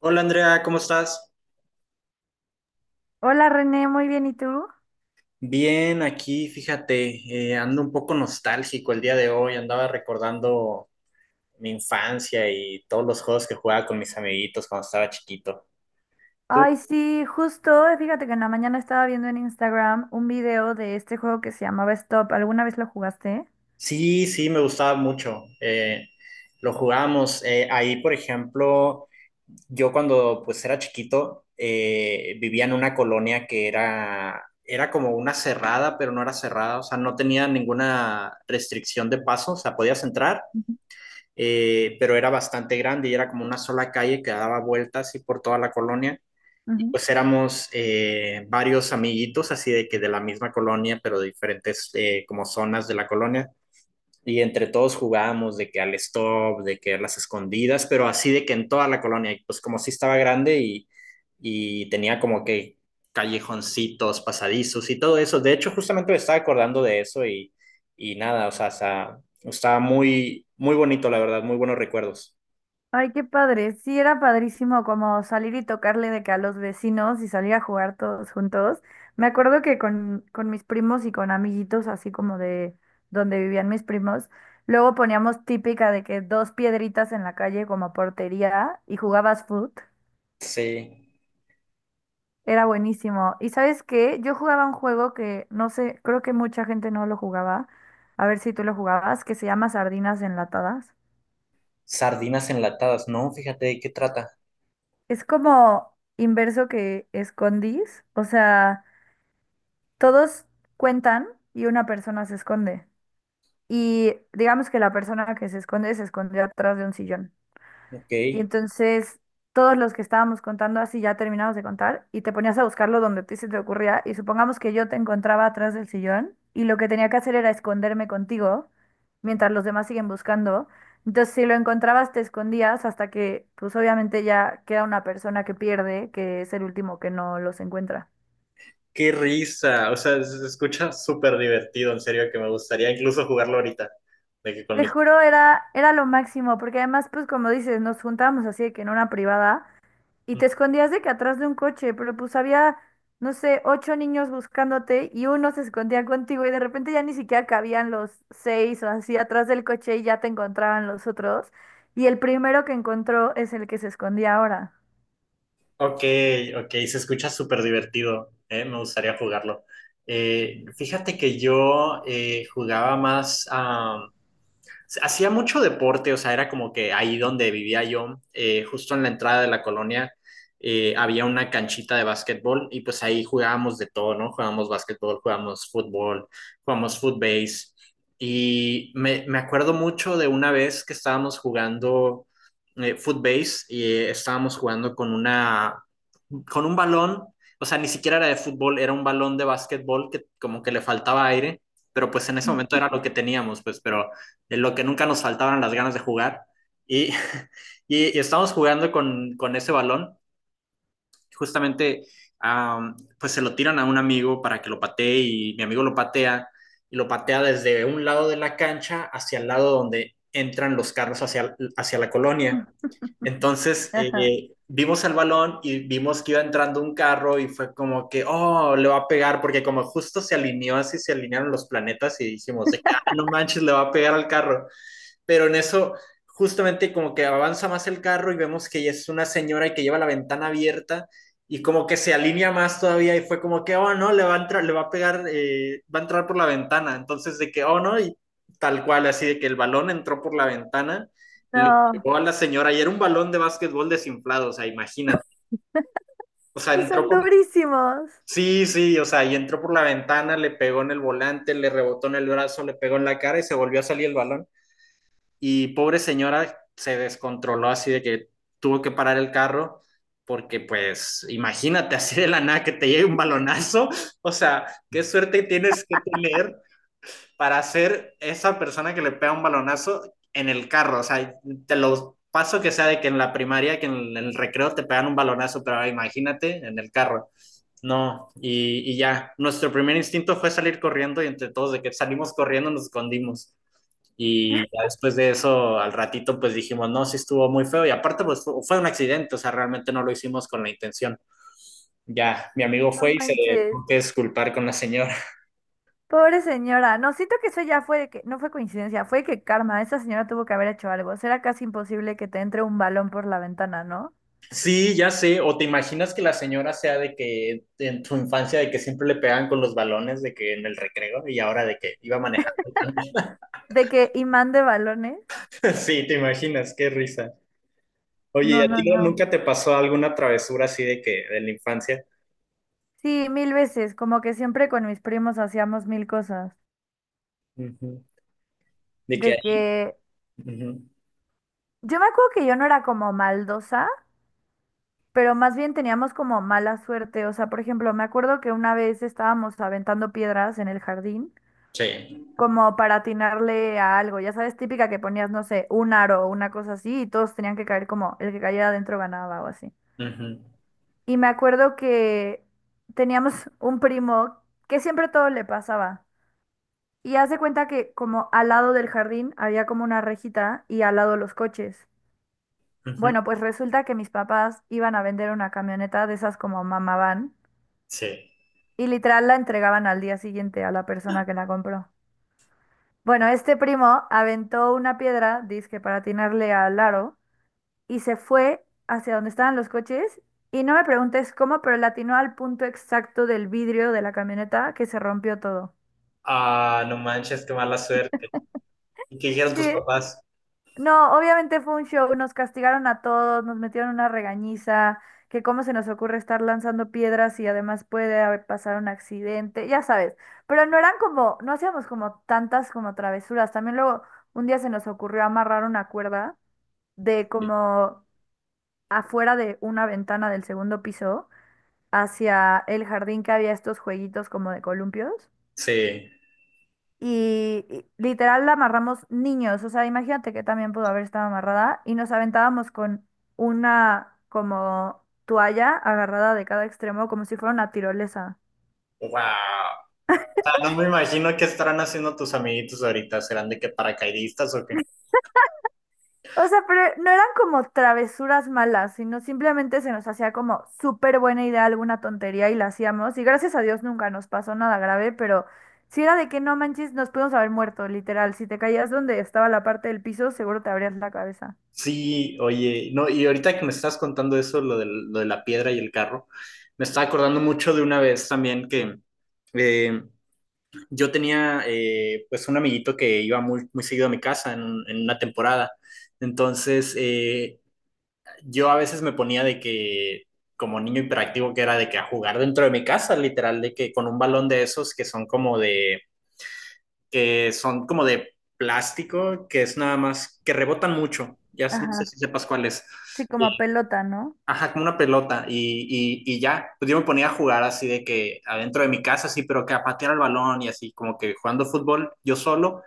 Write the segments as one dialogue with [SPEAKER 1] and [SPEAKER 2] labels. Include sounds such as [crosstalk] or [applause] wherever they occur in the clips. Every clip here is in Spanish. [SPEAKER 1] Hola Andrea, ¿cómo estás?
[SPEAKER 2] Hola René, muy bien, ¿y tú?
[SPEAKER 1] Bien, aquí fíjate, ando un poco nostálgico el día de hoy, andaba recordando mi infancia y todos los juegos que jugaba con mis amiguitos cuando estaba chiquito.
[SPEAKER 2] Ay,
[SPEAKER 1] ¿Tú?
[SPEAKER 2] sí, justo, fíjate que en la mañana estaba viendo en Instagram un video de este juego que se llamaba Stop. ¿Alguna vez lo jugaste?
[SPEAKER 1] Sí, sí, me gustaba mucho. Lo jugábamos ahí, por ejemplo, yo cuando pues era chiquito vivía en una colonia que era, era como una cerrada, pero no era cerrada, o sea, no tenía ninguna restricción de paso, o sea, podías entrar, pero era bastante grande y era como una sola calle que daba vueltas así por toda la colonia. Y
[SPEAKER 2] Ujú.
[SPEAKER 1] pues éramos varios amiguitos así de que de la misma colonia, pero de diferentes como zonas de la colonia, y entre todos jugábamos de que al stop, de que a las escondidas, pero así de que en toda la colonia, y pues como sí estaba grande y tenía como que callejoncitos, pasadizos y todo eso. De hecho, justamente me estaba acordando de eso y nada, o sea, estaba muy, muy bonito, la verdad, muy buenos recuerdos.
[SPEAKER 2] Ay, qué padre. Sí, era padrísimo como salir y tocarle de que a los vecinos y salir a jugar todos juntos. Me acuerdo que con mis primos y con amiguitos, así como de donde vivían mis primos, luego poníamos típica de que dos piedritas en la calle como portería y jugabas foot.
[SPEAKER 1] Sí,
[SPEAKER 2] Era buenísimo. ¿Y sabes qué? Yo jugaba un juego que no sé, creo que mucha gente no lo jugaba. A ver si tú lo jugabas, que se llama Sardinas Enlatadas.
[SPEAKER 1] sardinas enlatadas, ¿no? Fíjate de qué trata.
[SPEAKER 2] Es como inverso que escondís, o sea... Todos cuentan y una persona se esconde. Y digamos que la persona que se esconde se escondió atrás de un sillón.
[SPEAKER 1] Ok,
[SPEAKER 2] Y entonces todos los que estábamos contando así ya terminamos de contar y te ponías a buscarlo donde a ti se te ocurría y supongamos que yo te encontraba atrás del sillón y lo que tenía que hacer era esconderme contigo mientras los demás siguen buscando. Entonces si lo encontrabas te escondías hasta que pues obviamente ya queda una persona que pierde, que es el último que no los encuentra.
[SPEAKER 1] qué risa, o sea, se escucha súper divertido, en serio, que me gustaría incluso jugarlo ahorita, de que con
[SPEAKER 2] Te
[SPEAKER 1] mis...
[SPEAKER 2] juro, era lo máximo, porque además, pues como dices, nos juntábamos así de que en una privada y te escondías de que atrás de un coche, pero pues había, no sé, ocho niños buscándote y uno se escondía contigo y de repente ya ni siquiera cabían los seis o así atrás del coche y ya te encontraban los otros. Y el primero que encontró es el que se escondía ahora.
[SPEAKER 1] Ok, ok, se escucha súper divertido, me gustaría jugarlo. Fíjate que yo jugaba más, ah, hacía mucho deporte, o sea, era como que ahí donde vivía yo, justo en la entrada de la colonia, había una canchita de básquetbol y pues ahí jugábamos de todo, ¿no? Jugábamos básquetbol, jugábamos fútbol, jugábamos footbase y me acuerdo mucho de una vez que estábamos jugando footbase y estábamos jugando con una, con un balón, o sea, ni siquiera era de fútbol, era un balón de básquetbol que como que le faltaba aire, pero pues en ese momento era lo que teníamos, pues, pero de lo que nunca nos faltaban las ganas de jugar. Y [laughs] y estamos jugando con ese balón, justamente, pues se lo tiran a un amigo para que lo patee y mi amigo lo patea y lo patea desde un lado de la cancha hacia el lado donde entran los carros hacia, hacia la colonia.
[SPEAKER 2] [laughs]
[SPEAKER 1] Entonces,
[SPEAKER 2] Ajá.
[SPEAKER 1] vimos el balón y vimos que iba entrando un carro y fue como que, oh, le va a pegar, porque como justo se alineó así, se alinearon los planetas y dijimos, de que, ah, no manches, le va a pegar al carro, pero en eso justamente como que avanza más el carro y vemos que es una señora y que lleva la ventana abierta y como que se alinea más todavía y fue como que, oh, no, le va a entrar, le va a pegar, va a entrar por la ventana. Entonces de que, oh, no, y tal cual, así de que el balón entró por la ventana, le
[SPEAKER 2] No,
[SPEAKER 1] pegó a la señora y era un balón de básquetbol desinflado, o sea, imagínate. O sea,
[SPEAKER 2] y
[SPEAKER 1] entró
[SPEAKER 2] son
[SPEAKER 1] por...
[SPEAKER 2] durísimos.
[SPEAKER 1] Sí, sí, o sea, y entró por la ventana, le pegó en el volante, le rebotó en el brazo, le pegó en la cara y se volvió a salir el balón. Y pobre señora se descontroló así de que tuvo que parar el carro porque pues imagínate [laughs] así de la nada que te llegue un balonazo, o sea, qué suerte tienes que tener para ser esa persona que le pega un balonazo en el carro, o sea, te lo paso que sea de que en la primaria, que en el recreo te pegan un balonazo, pero imagínate en el carro. No, y, ya, nuestro primer instinto fue salir corriendo y entre todos de que salimos corriendo nos escondimos. Y ya después de eso, al ratito, pues dijimos, no, sí estuvo muy feo. Y aparte, pues fue un accidente, o sea, realmente no lo hicimos con la intención. Ya, mi amigo
[SPEAKER 2] No
[SPEAKER 1] fue y se
[SPEAKER 2] manches.
[SPEAKER 1] tuvo que disculpar con la señora. [laughs]
[SPEAKER 2] Pobre señora, no, siento que eso ya fue de que, no fue coincidencia, fue que karma, esa señora tuvo que haber hecho algo. Será casi imposible que te entre un balón por la ventana, ¿no?
[SPEAKER 1] Sí, ya sé. O te imaginas que la señora sea de que en tu infancia, de que siempre le pegaban con los balones, de que en el recreo, y ahora de que iba manejando también.
[SPEAKER 2] De que imán de balones.
[SPEAKER 1] [laughs] Sí, te imaginas, qué risa. Oye, ¿y
[SPEAKER 2] No,
[SPEAKER 1] a ti
[SPEAKER 2] no, no.
[SPEAKER 1] nunca te pasó alguna travesura así de que, de la infancia?
[SPEAKER 2] Sí, mil veces, como que siempre con mis primos hacíamos mil cosas.
[SPEAKER 1] Ujú. De
[SPEAKER 2] De
[SPEAKER 1] que...
[SPEAKER 2] que
[SPEAKER 1] ujú.
[SPEAKER 2] yo me acuerdo que yo no era como maldosa, pero más bien teníamos como mala suerte. O sea, por ejemplo, me acuerdo que una vez estábamos aventando piedras en el jardín,
[SPEAKER 1] Sí.
[SPEAKER 2] como para atinarle a algo. Ya sabes, típica que ponías, no sé, un aro o una cosa así y todos tenían que caer como el que cayera adentro ganaba o así.
[SPEAKER 1] Ujú.
[SPEAKER 2] Y me acuerdo que teníamos [laughs] un primo que siempre todo le pasaba. Y hace cuenta que como al lado del jardín había como una rejita y al lado los coches.
[SPEAKER 1] Ujú.
[SPEAKER 2] Bueno, pues resulta que mis papás iban a vender una camioneta de esas como mamá van
[SPEAKER 1] Sí.
[SPEAKER 2] y literal la entregaban al día siguiente a la persona que la compró. Bueno, este primo aventó una piedra, dizque para atinarle al aro, y se fue hacia donde estaban los coches. Y no me preguntes cómo, pero le atinó al punto exacto del vidrio de la camioneta que se rompió todo.
[SPEAKER 1] Ah, no manches, qué mala suerte. ¿Y qué dijeron tus
[SPEAKER 2] Sí,
[SPEAKER 1] papás?
[SPEAKER 2] no, obviamente fue un show, nos castigaron a todos, nos metieron una regañiza, que cómo se nos ocurre estar lanzando piedras y además puede haber pasado un accidente, ya sabes. Pero no eran como, no hacíamos como tantas como travesuras. También luego un día se nos ocurrió amarrar una cuerda, de como afuera de una ventana del segundo piso hacia el jardín que había estos jueguitos como de columpios.
[SPEAKER 1] Sí.
[SPEAKER 2] Y literal la amarramos niños, o sea, imagínate que también pudo haber estado amarrada y nos aventábamos con una como toalla agarrada de cada extremo como si fuera una tirolesa.
[SPEAKER 1] Wow. O sea, no me imagino qué estarán haciendo tus amiguitos ahorita. ¿Serán de qué paracaidistas o qué?
[SPEAKER 2] O sea, pero no eran como travesuras malas, sino simplemente se nos hacía como súper buena idea alguna tontería y la hacíamos. Y gracias a Dios nunca nos pasó nada grave, pero si era de que no manches, nos pudimos haber muerto, literal. Si te caías donde estaba la parte del piso, seguro te abrías la cabeza.
[SPEAKER 1] Sí, oye, no, y ahorita que me estás contando eso, lo de la piedra y el carro, me estaba acordando mucho de una vez también que eh, yo tenía pues un amiguito que iba muy, muy seguido a mi casa en, en una temporada. Entonces, yo a veces me ponía de que, como niño hiperactivo que era, de que a jugar dentro de mi casa, literal, de que con un balón de esos que son como de, que son como de plástico, que es nada más, que rebotan mucho, ya no
[SPEAKER 2] Ajá.
[SPEAKER 1] sé si sepas cuál es.
[SPEAKER 2] Sí, como
[SPEAKER 1] Y-
[SPEAKER 2] pelota, ¿no?
[SPEAKER 1] Ajá, como una pelota y ya, pues yo me ponía a jugar así de que adentro de mi casa, sí, pero que a patear el balón y así, como que jugando fútbol yo solo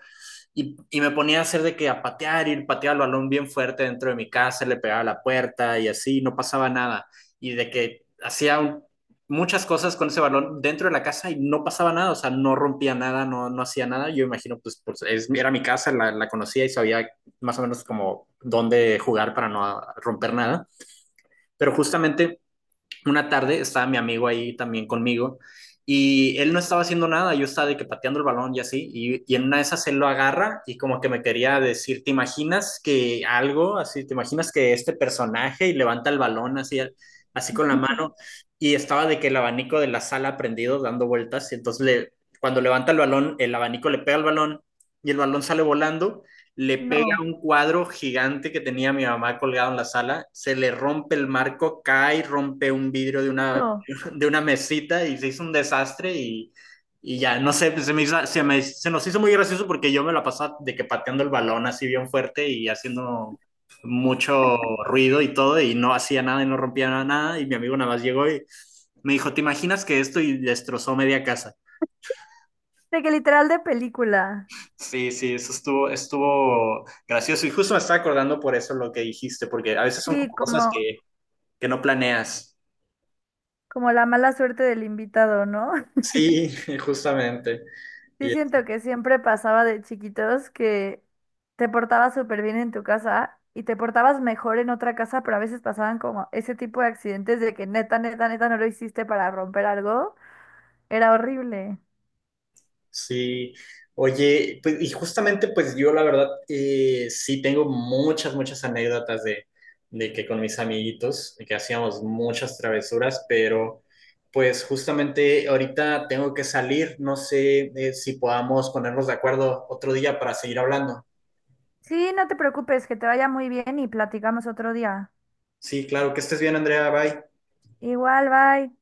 [SPEAKER 1] y me ponía a hacer de que a patear, ir patear el balón bien fuerte dentro de mi casa, le pegaba a la puerta y así, no pasaba nada. Y de que muchas cosas con ese balón dentro de la casa y no pasaba nada, o sea, no rompía nada, no, no hacía nada. Yo imagino, pues, pues, era mi casa, la conocía y sabía más o menos como dónde jugar para no romper nada. Pero justamente una tarde estaba mi amigo ahí también conmigo y él no estaba haciendo nada, yo estaba de que pateando el balón y así, y en una de esas él lo agarra y como que me quería decir, ¿te imaginas que algo así, te imaginas que este personaje? Y levanta el balón así, así con la mano y estaba de que el abanico de la sala prendido dando vueltas y entonces le, cuando levanta el balón, el abanico le pega al balón y el balón sale volando, le pega
[SPEAKER 2] No,
[SPEAKER 1] un cuadro gigante que tenía mi mamá colgado en la sala, se le rompe el marco, cae, rompe un vidrio de una,
[SPEAKER 2] no.
[SPEAKER 1] [laughs] de una mesita y se hizo un desastre y ya, no sé, se, me hizo- se, me- se nos hizo muy gracioso porque yo me la pasaba de que pateando el balón así bien fuerte y haciendo mucho ruido y todo y no hacía nada y no rompía nada nada y mi amigo nada más llegó y me dijo, ¿te imaginas que esto? Y destrozó media casa.
[SPEAKER 2] De que literal de película.
[SPEAKER 1] Sí, sí, eso estuvo, estuvo gracioso. Y justo me estaba acordando por eso lo que dijiste, porque a veces son como
[SPEAKER 2] Sí,
[SPEAKER 1] cosas
[SPEAKER 2] como,
[SPEAKER 1] que no planeas.
[SPEAKER 2] como la mala suerte del invitado, ¿no?
[SPEAKER 1] Sí, [laughs] justamente.
[SPEAKER 2] Sí,
[SPEAKER 1] Y-
[SPEAKER 2] siento que siempre pasaba de chiquitos que te portabas súper bien en tu casa y te portabas mejor en otra casa, pero a veces pasaban como ese tipo de accidentes de que neta, neta, neta no lo hiciste para romper algo. Era horrible.
[SPEAKER 1] sí. Oye, pues, y justamente, pues yo la verdad sí tengo muchas, muchas anécdotas de que con mis amiguitos, de que hacíamos muchas travesuras, pero pues justamente ahorita tengo que salir. No sé si podamos ponernos de acuerdo otro día para seguir hablando.
[SPEAKER 2] Sí, no te preocupes, que te vaya muy bien y platicamos otro día.
[SPEAKER 1] Sí, claro, que estés bien, Andrea, bye.
[SPEAKER 2] Igual, bye.